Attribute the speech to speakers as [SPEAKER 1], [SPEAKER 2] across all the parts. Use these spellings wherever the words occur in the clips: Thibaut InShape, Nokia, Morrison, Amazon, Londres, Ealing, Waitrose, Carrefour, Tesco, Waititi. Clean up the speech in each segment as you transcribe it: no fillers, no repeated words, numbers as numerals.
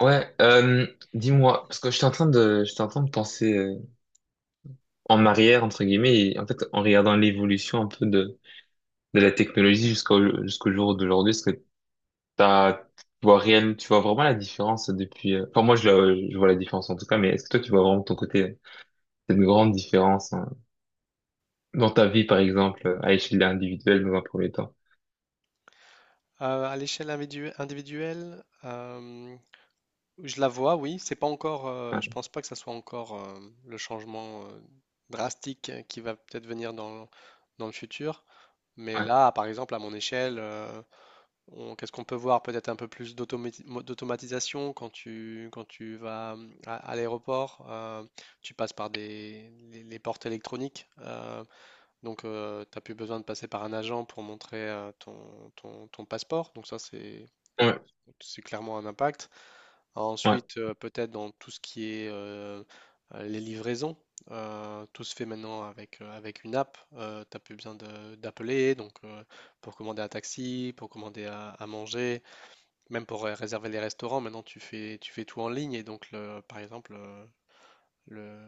[SPEAKER 1] Ouais, dis-moi, parce que j'étais en train de penser en arrière, entre guillemets, et en fait, en regardant l'évolution un peu de la technologie jusqu'au jour d'aujourd'hui, est-ce que tu vois tu vois vraiment la différence depuis, enfin, je vois la différence en tout cas, mais est-ce que toi, tu vois vraiment de ton côté cette grande différence hein, dans ta vie, par exemple, à échelle individuelle dans un premier temps?
[SPEAKER 2] À l'échelle individuelle, je la vois, oui. C'est pas encore,
[SPEAKER 1] Ouais,
[SPEAKER 2] je pense pas que ça soit encore le changement drastique qui va peut-être venir dans le futur. Mais
[SPEAKER 1] ouais,
[SPEAKER 2] là, par exemple, à mon échelle, qu'est-ce qu'on peut voir? Peut-être un peu plus d'automatisation quand tu vas à l'aéroport. Tu passes par les portes électroniques. Donc, tu n'as plus besoin de passer par un agent pour montrer ton passeport. Donc, ça,
[SPEAKER 1] ouais,
[SPEAKER 2] c'est clairement un impact.
[SPEAKER 1] ouais,
[SPEAKER 2] Ensuite, peut-être dans tout ce qui est les livraisons, tout se fait maintenant avec une app. Tu n'as plus besoin d'appeler, donc pour commander un taxi, pour commander à manger, même pour réserver les restaurants, maintenant tu fais tout en ligne. Et donc, par exemple, le,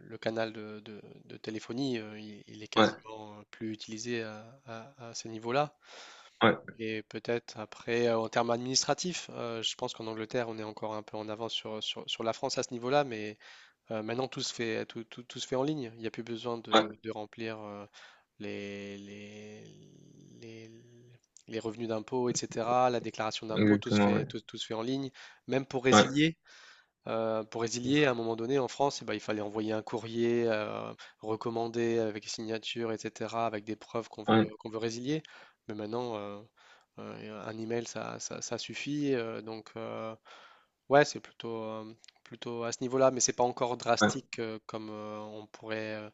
[SPEAKER 2] le canal de téléphonie, il est
[SPEAKER 1] ouais,
[SPEAKER 2] quasiment plus utilisé à ces niveaux-là.
[SPEAKER 1] ouais,
[SPEAKER 2] Et peut-être après, en termes administratifs, je pense qu'en Angleterre, on est encore un peu en avance sur la France à ce niveau-là, mais maintenant tout se fait en ligne. Il n'y a plus besoin
[SPEAKER 1] ouais,
[SPEAKER 2] de remplir les, les, les, les revenus d'impôt, etc., la déclaration d'impôt,
[SPEAKER 1] exactement, ouais,
[SPEAKER 2] tout se fait en ligne. Même pour
[SPEAKER 1] ouais,
[SPEAKER 2] résilier, pour résilier, à un moment donné, en France, eh ben, il fallait envoyer un courrier recommandé avec signature, etc., avec des preuves
[SPEAKER 1] ouais,
[SPEAKER 2] qu'on veut résilier. Mais maintenant, un email, ça suffit. Donc, ouais, c'est plutôt à ce niveau-là, mais c'est pas encore
[SPEAKER 1] ouais,
[SPEAKER 2] drastique comme on pourrait.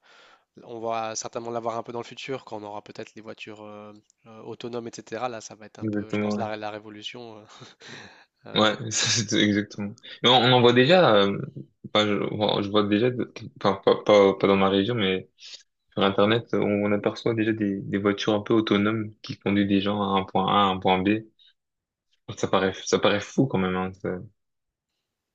[SPEAKER 2] On va certainement l'avoir un peu dans le futur, quand on aura peut-être les voitures autonomes, etc. Là, ça va être un peu, je
[SPEAKER 1] exactement,
[SPEAKER 2] pense,
[SPEAKER 1] ouais.
[SPEAKER 2] la révolution. Euh,
[SPEAKER 1] Ouais, ça, c'est exactement. Mais on en voit déjà, enfin, je vois déjà, enfin, pas dans ma région, mais sur Internet, on aperçoit déjà des voitures un peu autonomes qui conduisent des gens à un point A, à un point B. Ça paraît fou quand même, hein, ça.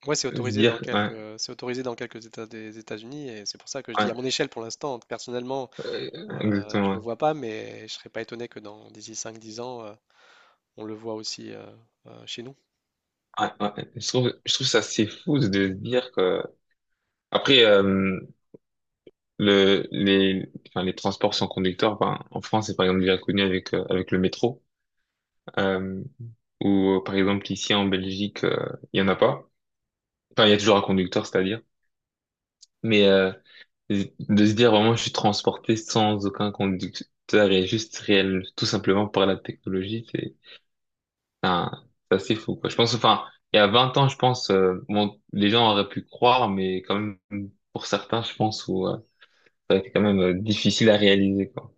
[SPEAKER 2] Ouais,
[SPEAKER 1] Se dire, ouais,
[SPEAKER 2] c'est autorisé dans quelques États des États-Unis, et c'est pour ça que je dis, à
[SPEAKER 1] ouais,
[SPEAKER 2] mon échelle, pour l'instant, personnellement,
[SPEAKER 1] euh,
[SPEAKER 2] je le
[SPEAKER 1] exactement.
[SPEAKER 2] vois pas, mais je serais pas étonné que dans d'ici 5-10 ans, on le voit aussi chez nous.
[SPEAKER 1] Ouais, ouais, ouais. Je trouve ça assez fou de se dire que, après, enfin, les transports sans conducteur, enfin, en France, c'est par exemple déjà connu avec, avec le métro. euh, Où, par exemple, ici en Belgique, il y en a pas. Enfin, il y a toujours un conducteur, c'est-à-dire. Mais de se dire vraiment, je suis transporté sans aucun conducteur et juste réel, tout simplement par la technologie, un- c'est assez fou, quoi. Je pense, enfin, il y a 20 ans, je pense, bon, les gens auraient pu croire, mais quand même, pour certains, je pense, où, ça a été quand même difficile à réaliser, quoi.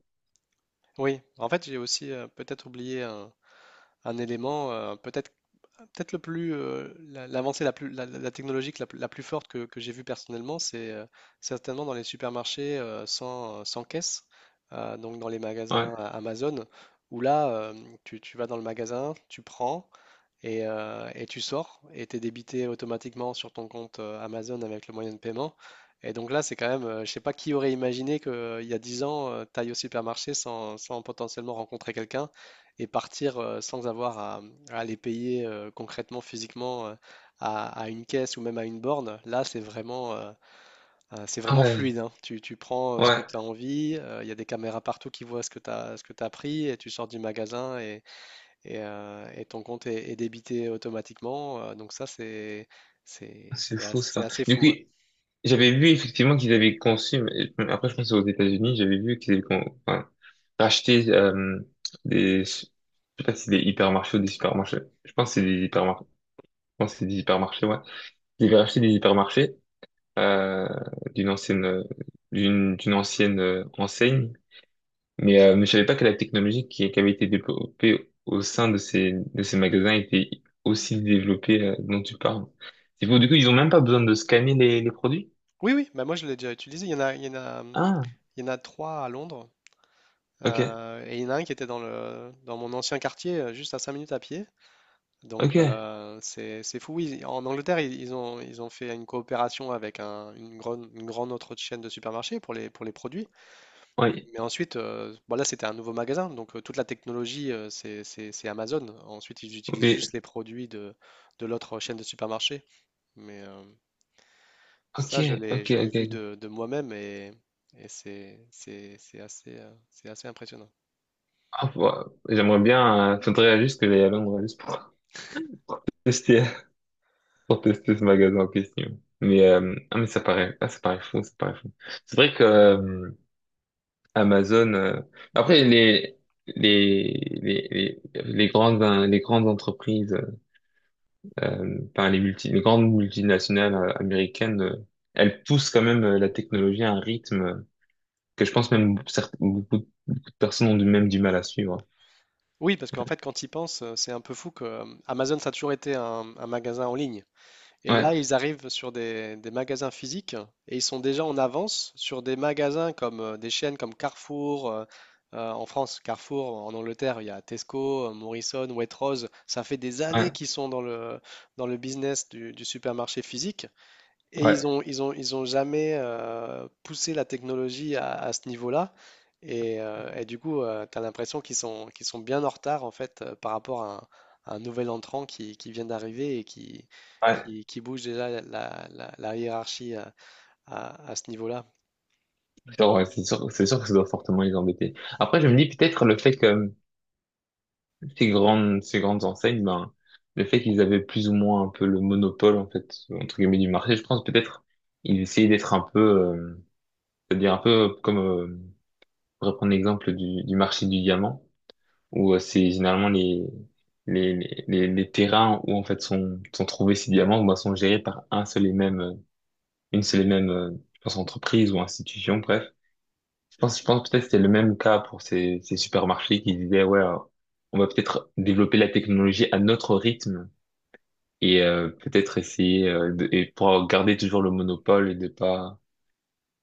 [SPEAKER 2] Oui, en fait, j'ai aussi peut-être oublié un élément, peut-être Peut-être le plus la- l'avancée la plus la technologique la plus forte que j'ai vue personnellement, c'est certainement dans les supermarchés sans caisse, donc dans les
[SPEAKER 1] Ouais.
[SPEAKER 2] magasins Amazon, où là tu vas dans le magasin, tu prends, et tu sors et t'es débité automatiquement sur ton compte Amazon avec le moyen de paiement. Et donc là, c'est quand même, je sais pas qui aurait imaginé qu'il y a 10 ans, tu ailles au supermarché sans potentiellement rencontrer quelqu'un et partir sans avoir à aller payer concrètement, physiquement à une caisse ou même à une borne. Là, c'est
[SPEAKER 1] Ah
[SPEAKER 2] vraiment
[SPEAKER 1] ouais,
[SPEAKER 2] fluide, hein. Tu prends ce que
[SPEAKER 1] ouais,
[SPEAKER 2] tu as envie, il y a des caméras partout qui voient ce que tu pris, et tu sors du magasin et ton compte est débité automatiquement. Donc ça,
[SPEAKER 1] ah, c'est fou
[SPEAKER 2] c'est
[SPEAKER 1] ça.
[SPEAKER 2] assez
[SPEAKER 1] Du coup,
[SPEAKER 2] fou, hein.
[SPEAKER 1] j'avais vu effectivement qu'ils avaient conçu, mais après je pense que c'est aux États-Unis, j'avais vu enfin, racheté des, je sais pas si c'est des hypermarchés ou des supermarchés. Je pense que c'est des hypermarchés. Je pense que c'est des hypermarchés, ouais. Ils avaient racheté des hypermarchés euh, d'une ancienne, d'une ancienne enseigne, mais je savais pas que la technologie qui avait été développée au sein de ces magasins était aussi développée dont tu parles. C'est fou. Du coup, ils ont même pas besoin de scanner les produits.
[SPEAKER 2] Oui, oui, bah moi je l'ai déjà utilisé. Il y en a, il y en a,
[SPEAKER 1] Ah,
[SPEAKER 2] Il y en a trois à Londres.
[SPEAKER 1] ok,
[SPEAKER 2] Et il y en a un qui était dans mon ancien quartier, juste à 5 minutes à pied. Donc
[SPEAKER 1] ok,
[SPEAKER 2] c'est fou. Oui, en Angleterre, ils ont fait une coopération avec une grande autre chaîne de supermarchés pour les produits.
[SPEAKER 1] oui,
[SPEAKER 2] Mais ensuite, bon, là, c'était un nouveau magasin, donc toute la technologie, c'est Amazon. Ensuite, ils utilisent
[SPEAKER 1] oui,
[SPEAKER 2] juste les produits de l'autre chaîne de supermarché. Mais
[SPEAKER 1] ok,
[SPEAKER 2] ça,
[SPEAKER 1] ok,
[SPEAKER 2] je l'ai
[SPEAKER 1] ok.
[SPEAKER 2] vu
[SPEAKER 1] Ok.
[SPEAKER 2] de moi-même, et c'est assez impressionnant.
[SPEAKER 1] Ah, bah, j'aimerais bien, faudrait juste que j'aille à Londres juste pour tester, pour tester ce magasin en question. Mais, mais ça paraît, ça paraît fou, ça paraît fou. C'est vrai que Amazon, après les, les grandes entreprises, par les grandes multinationales américaines, elles poussent quand même la technologie à un rythme. Que je pense même beaucoup, beaucoup de personnes ont même du mal à suivre.
[SPEAKER 2] Oui, parce qu'en fait, quand ils pensent, c'est un peu fou que Amazon, ça a toujours été un magasin en ligne. Et là,
[SPEAKER 1] Ouais,
[SPEAKER 2] ils arrivent sur des magasins physiques, et ils sont déjà en avance sur des magasins comme des chaînes comme Carrefour. En France, Carrefour, en Angleterre, il y a Tesco, Morrison, Waitrose. Ça fait des années
[SPEAKER 1] ouais,
[SPEAKER 2] qu'ils sont dans le business du supermarché physique, et
[SPEAKER 1] ouais,
[SPEAKER 2] ils ont jamais poussé la technologie à ce niveau-là. Et du coup, tu as l'impression qu'ils sont bien en retard en fait par rapport à un nouvel entrant qui vient d'arriver et
[SPEAKER 1] ouais.
[SPEAKER 2] qui bouge déjà la hiérarchie à ce niveau-là.
[SPEAKER 1] C'est sûr, ouais, c'est sûr que ça doit fortement les embêter. Après, je me dis peut-être le fait que ces grandes enseignes, ben, le fait qu'ils avaient plus ou moins un peu le monopole, en fait, entre guillemets, du marché, je pense peut-être ils essayaient d'être un peu, c'est-à-dire un peu pour reprendre l'exemple du marché du diamant, où c'est généralement les terrains où en fait sont trouvés ces diamants ben, sont gérés par un seul et même une seule et même, je pense, entreprise ou institution, bref. Je pense peut-être que c'était le même cas pour ces supermarchés qui disaient, ouais, on va peut-être développer la technologie à notre rythme et peut-être essayer et pour garder toujours le monopole et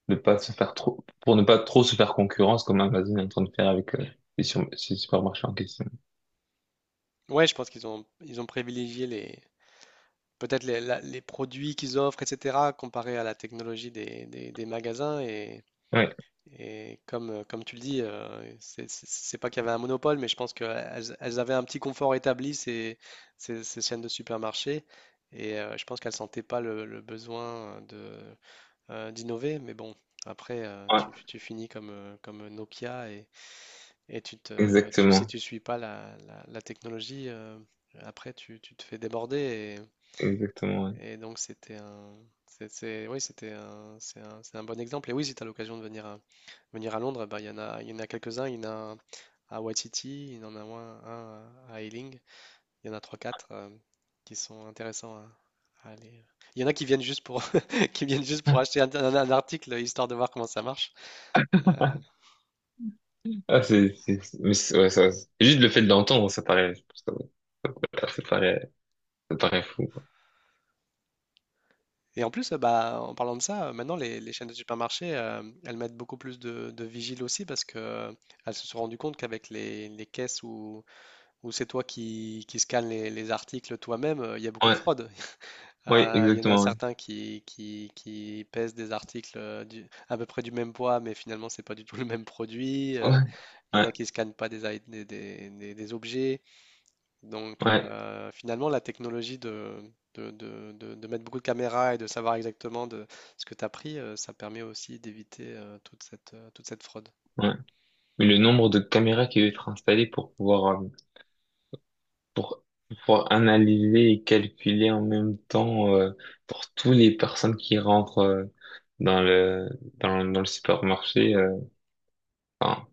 [SPEAKER 1] de pas se faire trop pour ne pas trop se faire concurrence comme Amazon est en train de faire avec ces supermarchés en question.
[SPEAKER 2] Ouais, je pense ils ont privilégié les, peut-être les, la- les produits qu'ils offrent, etc., comparé à la technologie des magasins.
[SPEAKER 1] Ouais,
[SPEAKER 2] Et comme tu le dis, c'est pas qu'il y avait un monopole, mais je pense qu'elles elles avaient un petit confort établi, ces chaînes de supermarchés. Et je pense qu'elles sentaient pas le besoin d'innover. Mais bon, après,
[SPEAKER 1] ouais,
[SPEAKER 2] tu finis comme Nokia, et si
[SPEAKER 1] exactement,
[SPEAKER 2] tu suis pas la technologie, après, tu te fais déborder.
[SPEAKER 1] exactement. Ouais.
[SPEAKER 2] Et donc c'était un, c'est- oui, c'est un bon exemple. Et oui, si tu as l'occasion de venir venir à Londres, bah, il y en a quelques-uns. Il y en a un à Waititi, il y en a un à Ealing. Il y en a 3-4 qui sont intéressants à aller. Il y en a qui viennent juste pour, qui viennent juste pour acheter un article, histoire de voir comment ça marche. Euh,
[SPEAKER 1] Ah, c'est- ouais, ça, c'est- juste le fait de l'entendre, paraît, ça paraît fou, quoi.
[SPEAKER 2] et en plus, bah, en parlant de ça, maintenant, les chaînes de supermarchés, elles mettent beaucoup plus de vigiles aussi, parce que elles se sont rendues compte qu'avec les caisses où ou c'est toi qui scannes les articles toi-même, il y a beaucoup de
[SPEAKER 1] Ouais.
[SPEAKER 2] fraude.
[SPEAKER 1] Oui,
[SPEAKER 2] Il y en a
[SPEAKER 1] exactement.
[SPEAKER 2] certains qui pèsent des articles à peu près du même poids, mais finalement, c'est pas du tout le même produit.
[SPEAKER 1] Ouais.
[SPEAKER 2] Il y en
[SPEAKER 1] Ouais,
[SPEAKER 2] a qui scannent pas des, i- des objets. Donc,
[SPEAKER 1] ouais, ouais.
[SPEAKER 2] finalement, la technologie de mettre beaucoup de caméras et de savoir exactement de ce que tu as pris, ça permet aussi d'éviter toute cette fraude.
[SPEAKER 1] Ouais. Mais le nombre de caméras qui doivent être installées pour, pour pouvoir analyser et calculer en même temps pour toutes les personnes qui rentrent dans le, dans le supermarché enfin,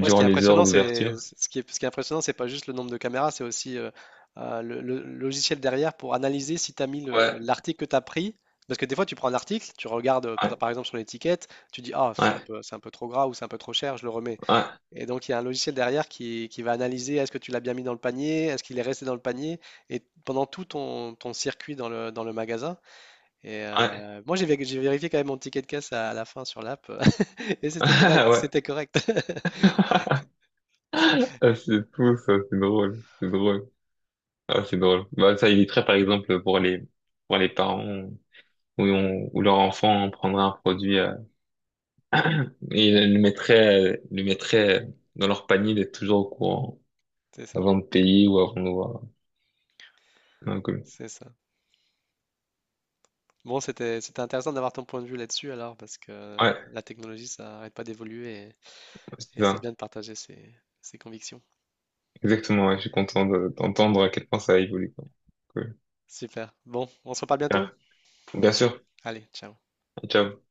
[SPEAKER 2] Ouais, ce qui est
[SPEAKER 1] les heures
[SPEAKER 2] impressionnant, c'est
[SPEAKER 1] d'ouverture.
[SPEAKER 2] ce qui est impressionnant, c'est pas juste le nombre de caméras, c'est aussi le logiciel derrière pour analyser si tu as mis
[SPEAKER 1] Ouais,
[SPEAKER 2] l'article que tu as pris. Parce que des fois, tu prends un article, tu regardes
[SPEAKER 1] ouais,
[SPEAKER 2] peut-être par exemple sur l'étiquette, tu dis: « Ah,
[SPEAKER 1] ouais,
[SPEAKER 2] c'est un peu trop gras, ou c'est un peu trop cher, je le remets. »
[SPEAKER 1] ouais, ouais.
[SPEAKER 2] Et donc, il y a un logiciel derrière qui va analyser est-ce que tu l'as bien mis dans le panier, est-ce qu'il est resté dans le panier, et pendant tout ton circuit dans le magasin. Et moi, j'ai vérifié quand même mon ticket de caisse à la fin sur l'app, et c'était correct,
[SPEAKER 1] Ah ouais.
[SPEAKER 2] c'était correct.
[SPEAKER 1] Ah, c'est fou, ça, c'est drôle, c'est drôle. Ah, c'est drôle. Bah, ça éviterait par exemple pour les parents. Où, où leur enfant prendrait un produit le mettrait dans leur panier d'être toujours au courant
[SPEAKER 2] C'est ça,
[SPEAKER 1] avant de payer ou avant de voir un colis.
[SPEAKER 2] c'est ça. Bon, c'était intéressant d'avoir ton point de vue là-dessus alors, parce que
[SPEAKER 1] Ouais,
[SPEAKER 2] la technologie, ça n'arrête pas d'évoluer,
[SPEAKER 1] c'est
[SPEAKER 2] et c'est
[SPEAKER 1] ça.
[SPEAKER 2] bien de partager ses convictions.
[SPEAKER 1] Exactement, ouais, je suis content d'entendre à quel point ça a évolué. Quoi. Cool.
[SPEAKER 2] Super. Bon, on se reparle
[SPEAKER 1] Bien
[SPEAKER 2] bientôt?
[SPEAKER 1] Bien sûr,
[SPEAKER 2] Allez, ciao.
[SPEAKER 1] ciao.